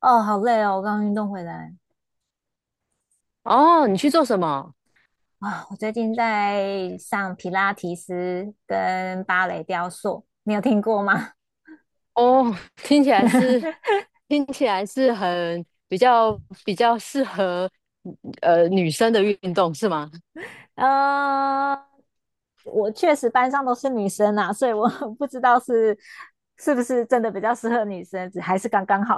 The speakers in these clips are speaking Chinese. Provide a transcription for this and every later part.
哦，好累哦！我刚运动回来哦，你去做什么？啊，我最近在上皮拉提斯跟芭蕾雕塑，你有听过吗？哦，听起来是听起来是很比较适合女生的运动是吗？呃，我确实班上都是女生啊，所以我 不知道是不是真的比较适合女生，只还是刚刚好。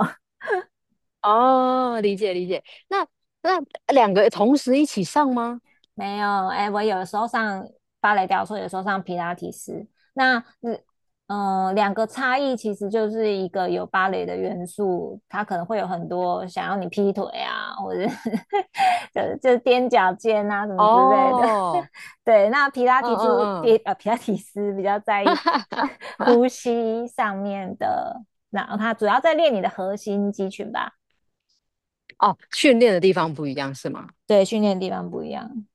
哦，理解理解。那那两个同时一起上吗？没有，哎，我有的时候上芭蕾雕塑，有时候上皮拉提斯。那嗯、呃两个差异其实就是一个有芭蕾的元素，它可能会有很多想要你劈腿啊，或者是 就是踮脚尖啊什么之类的。哦，对，那皮拉嗯提斯比嗯呃皮拉提斯比较在意 嗯，呼吸上面的，那它主要在练你的核心肌群吧？哦，训练的地方不一样是吗？对，训练的地方不一样。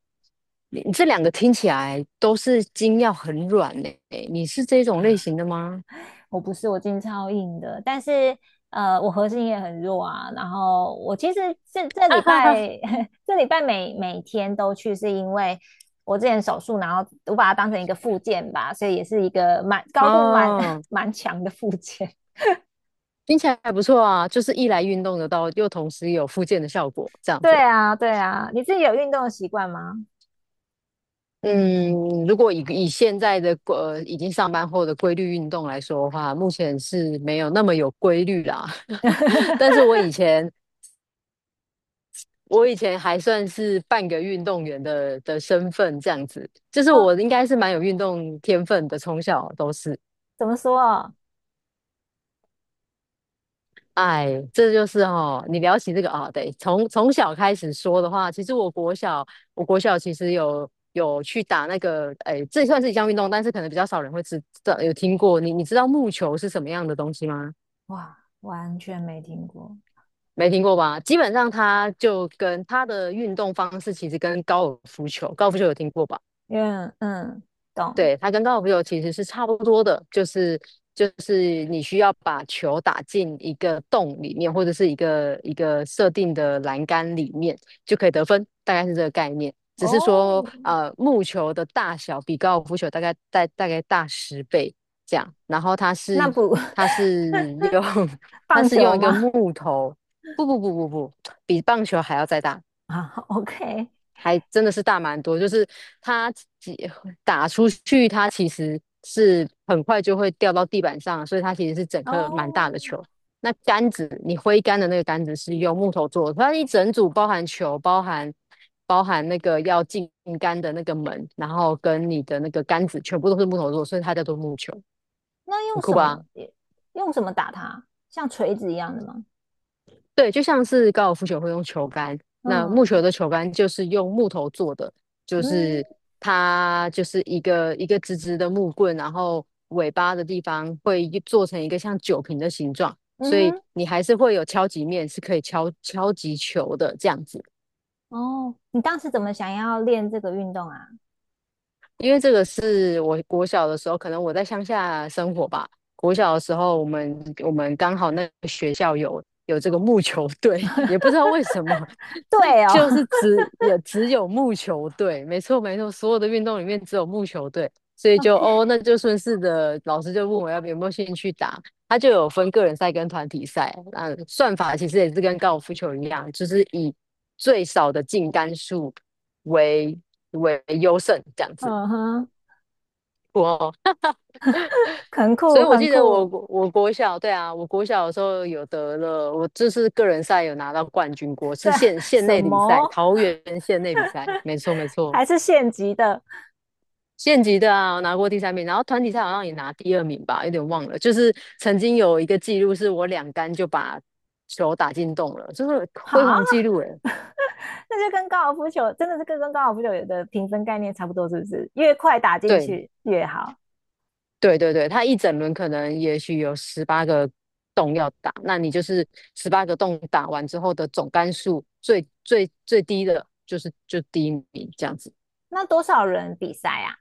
你这两个听起来都是筋要很软呢，你是这种类型的吗？我不是，我筋超硬的，但是呃，我核心也很弱啊。然后我其实这礼拜 这礼拜每天都去，是因为我之前手术，然后我把它当成一个附件吧，所以也是一个蛮高度蛮 哦，蛮强的附件。听起来还不错啊，就是一来运动得到，又同时有复健的效果，这 样对子。啊，对啊，你自己有运动的习惯吗？嗯，如果以现在的已经上班后的规律运动来说的话，目前是没有那么有规律啦。但是我 以前我以前还算是半个运动员的身份，这样子，就是哦，我应该是蛮有运动天分的，从小都是。怎么说哦？哎，这就是哦，你聊起这个啊，对，从小开始说的话，其实我国小其实有去打那个，哎，这算是一项运动，但是可能比较少人会知道，有听过。你知道木球是什么样的东西吗？哇，完全没听过。没听过吧？基本上它就跟它的运动方式其实跟高尔夫球，高尔夫球有听过吧？嗯嗯，懂对，它跟高尔夫球其实是差不多的，就是你需要把球打进一个洞里面，或者是一个一个设定的栏杆里面就可以得分，大概是这个概念。只是说，哦。木球的大小比高尔夫球大概大10倍这样，然后它是那不 它是用 它棒是用球一个吗？木头，不不不不不，比棒球还要再大。啊，OK,还真的是大蛮多，就是它几打出去，它其实是很快就会掉到地板上，所以它其实是整颗蛮大的哦，球。那杆子，你挥杆的那个杆子是用木头做的，它一整组包含球，包含那个要进杆的那个门，然后跟你的那个杆子全部都是木头做的，所以它叫做木球，那用很酷什吧？么用什么打它？像锤子一样的吗？对，就像是高尔夫球会用球杆，那木球嗯的球杆就是用木头做的，就是嗯，它就是一个一个直直的木棍，然后尾巴的地方会做成一个像酒瓶的形状，嗯所以哼，你还是会有敲击面是可以敲击球的这样子。哦，你当时怎么想要练这个运动啊？因为这个是我国小的时候，可能我在乡下生活吧。国小的时候，我们刚好那个学校有这个木球队，也不知道为什么，对 哦 就是也只有木球队。没错没错，所有的运动里面只有木球队，所 以就哦，，OK,那就顺势的老师就问我要不有没有兴趣打，他就有分个人赛跟团体赛。那算法其实也是跟高尔夫球一样，就是以最少的净杆数为为优胜这样子。嗯哼，我，很所以酷我很记得我酷。我国小，对啊，我国小的时候有得了，我这是个人赛有拿到冠军过，是对，县县什内的比赛，么？桃园县内比赛，没错没错，还是县级的？县级的啊，我拿过第三名，然后团体赛好像也拿第二名吧，有点忘了，就是曾经有一个记录是我2杆就把球打进洞了，就是辉好，煌记录诶，那就跟高尔夫球真的是跟高尔夫球有的评分概念差不多，是不是？越快打进对，去越好。对对对，它一整轮可能也许有十八个洞要打，那你就是十八个洞打完之后的总杆数最低的就是第一名这样子。那多少人比赛啊？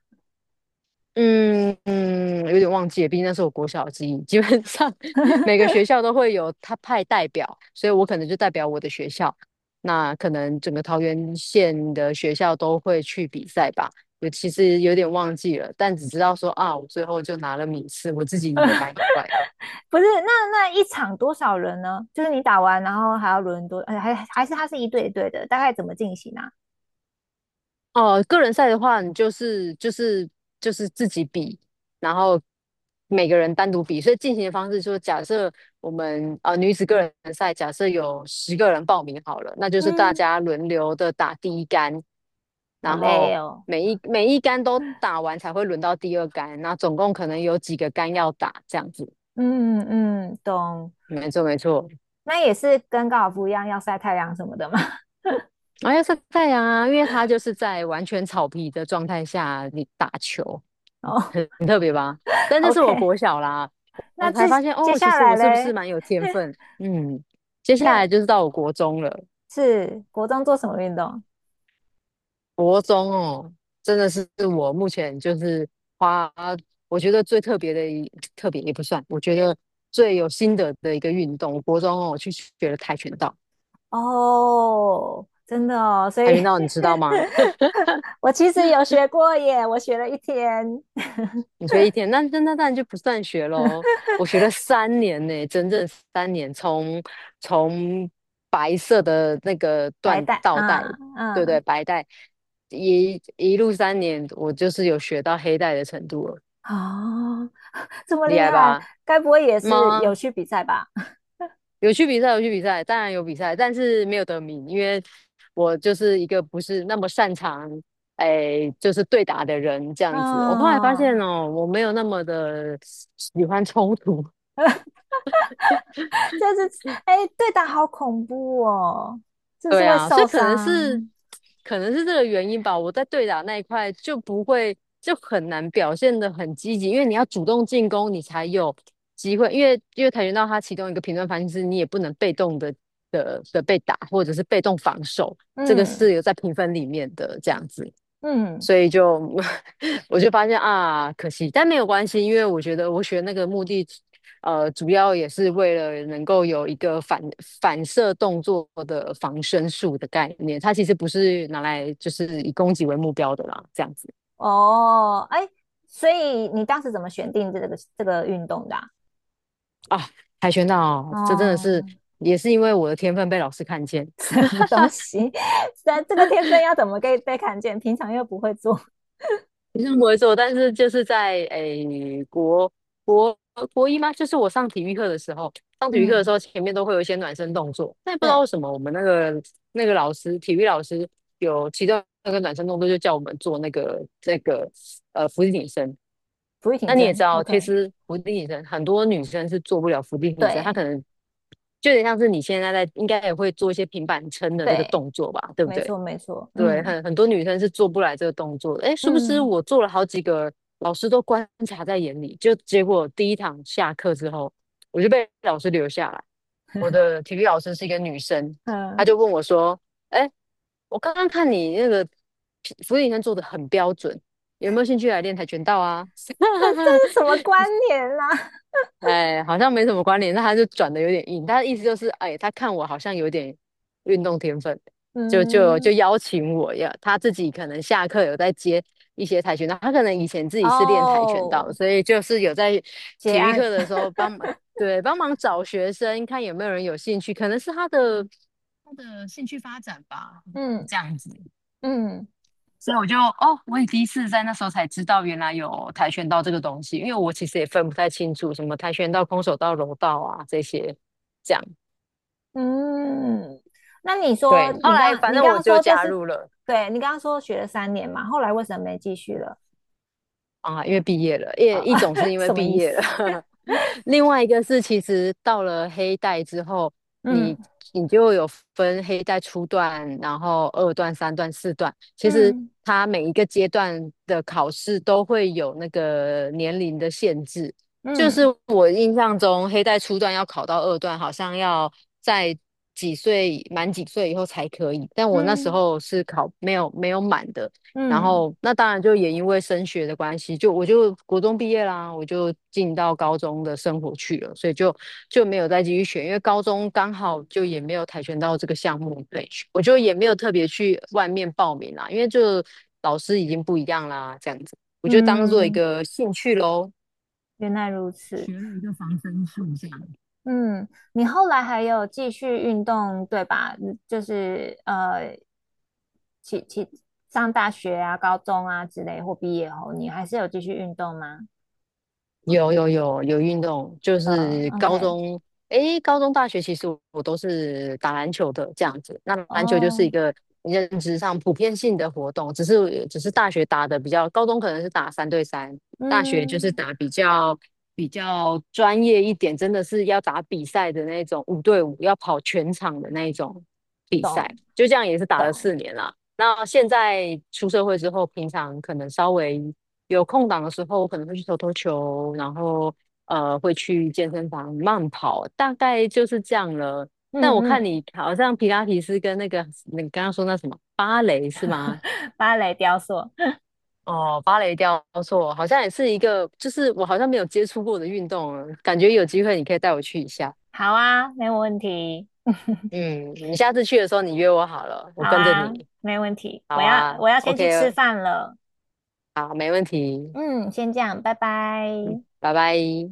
嗯嗯，有点忘记了，毕竟那是我国小的记忆。基本上 每个学校都会有他派代表，所以我可能就代表我的学校。那可能整个桃园县的学校都会去比赛吧。我其实有点忘记了，但只知道说啊，我最后就拿了名次，我自己也蛮意外。不是，那那一场多少人呢？就是你打完，然后还要轮多，呃还是它是一对一对的，大概怎么进行啊？哦，个人赛的话，你就是自己比，然后每个人单独比，所以进行的方式就是假设我们女子个人赛，假设有10个人报名好了，那就是大嗯，家轮流的打第一杆，好然累后哦。每一杆都打完才会轮到第二杆，那总共可能有几个杆要打，这样子。嗯嗯，懂。没错没错，那也是跟高尔夫一样要晒太阳什么的嘛。啊要晒太阳啊，因为它就是在完全草皮的状态下你打球，嗯哦很特别吧？但这是我，OK。国小啦，那我接才发现接哦，其下实来我是不是嘞，蛮有天分？嗯，接下来就是到我国中了，是国中做什么运动？国中哦，真的是我目前就是花我觉得最特别的特别也不算，我觉得最有心得的一个运动，我国中哦去学了跆拳道，哦，真的哦，所跆以 拳道你知道吗？我其实有学过耶，我学了一天你学一天，那当然就不算学喽。我学了三年呢、整整三年，从白色的那个白缎带，倒带，啊，对不对？嗯，白带一路三年，我就是有学到黑带的程度了，哦。这么厉厉害害，吧？该不会也是有吗？去比赛吧？有去比赛，有去比赛，当然有比赛，但是没有得名，因为我就是一个不是那么擅长，哎，就是对打的人这 样子。我后来发现嗯，哦，我没有那么的喜欢冲突。这是哎，对打好恐怖哦，这是对会啊，所受以可能是伤。可能是这个原因吧。我在对打那一块就不会就很难表现的很积极，因为你要主动进攻，你才有机会。因为跆拳道它其中一个评论方式是你也不能被动的被打，或者是被动防守，这个嗯是有在评分里面的这样子。嗯，所以就 我就发现啊，可惜，但没有关系，因为我觉得我学那个目的，主要也是为了能够有一个反射动作的防身术的概念，它其实不是拿来就是以攻击为目标的啦，这样子哦，哎，所以你当时怎么选定这个运动的啊？啊，跆拳道这真的是哦，也是因为我的天分被老师看见，什么东西？这这个天分要怎么被看见？平常又不会做。学生不会做，但是就是在国国一吗？就是我上体育课的时候，上体育课的时嗯，候前面都会有一些暖身动作，但也不知道对，为什么我们那个老师，体育老师有其中那个暖身动作就叫我们做伏地挺身。不会挺那你也知身。道，其 OK,实伏地挺身很多女生是做不了伏地挺身，她可对能就有点像是你现在应该也会做一些平板撑的这个对，动作吧，对不没对？错没错。对，嗯很多女生是做不来这个动作的。哎，是不是嗯我做了好几个，老师都观察在眼里，就结果第一堂下课之后，我就被老师留下来。我的体育老师是一个女生，她嗯。就问我说：“哎，我刚刚看你那个俯卧撑做的很标准，有没有兴趣来练跆拳道啊？” 这这是什 么关联啦、啊 哎，好像没什么关联，那他就转的有点硬，他的意思就是，哎，他看我好像有点运动天分，就嗯，邀请我呀，他自己可能下课有在接一些跆拳道，他可能以前自己是练跆拳道哦，的，所以就是有在结体育案，课的时 候帮忙，对，帮忙找学生，看有没有人有兴趣，可能是他的兴趣发展吧，嗯这样子。嗯所以我就哦，我也第一次在那时候才知道，原来有跆拳道这个东西，因为我其实也分不太清楚什么跆拳道、空手道、柔道啊这些，这样。嗯。那你说，对，后你来刚反你正刚我刚就说这加是，入了，对，你刚刚说学了三年嘛，后来为什么没继续了？啊，因为毕业了，一种是 因为什么毕意思？业了，另外一个是其实到了黑带之后，嗯你你就有分黑带初段，然后二段、三段、四段，其实嗯它每一个阶段的考试都会有那个年龄的限制。就是嗯我印象中，黑带初段要考到二段，好像要在几岁满几岁以后才可以，但我那时嗯候是考没有满的。然嗯后那当然就也因为升学的关系，就我就国中毕业啦，我就进到高中的生活去了，所以就没有再继续学，因为高中刚好就也没有跆拳道这个项目可以学我就也没有特别去外面报名啦，因为就老师已经不一样啦，这样子，我就当做一嗯，个兴趣喽。原来如此。学了一个防身术这样。嗯，你后来还有继续运动，对吧？嗯就是呃，起起上大学啊、高中啊之类，或毕业后，你还是有继续运动吗？有有有有运动，就呃是高，OK,中，高中、大学其实我都是打篮球的这样子。那篮球就是一哦，个认知上普遍性的活动，只是大学打的比较，高中可能是打三对三，大学就是嗯，打比较专业一点，真的是要打比赛的那种五对五，要跑全场的那一种比赛。懂就这样也是打了懂，4年啦。那现在出社会之后，平常可能稍微。有空档的时候，我可能会去投投球，然后会去健身房慢跑，大概就是这样了。但我嗯看嗯，你好像皮拉提斯跟那个你刚刚说那什么芭蕾是 吗？芭蕾雕塑，哦，芭蕾雕塑好像也是一个，就是我好像没有接触过的运动啊感觉有机会你可以带我去一下。好啊，没问题，嗯，你下次去的时候你约我好了，我好跟着啊，你。没问题，好我要啊我要先去吃，OK,饭了，好，没问题，嗯，先这样，拜拜。拜拜。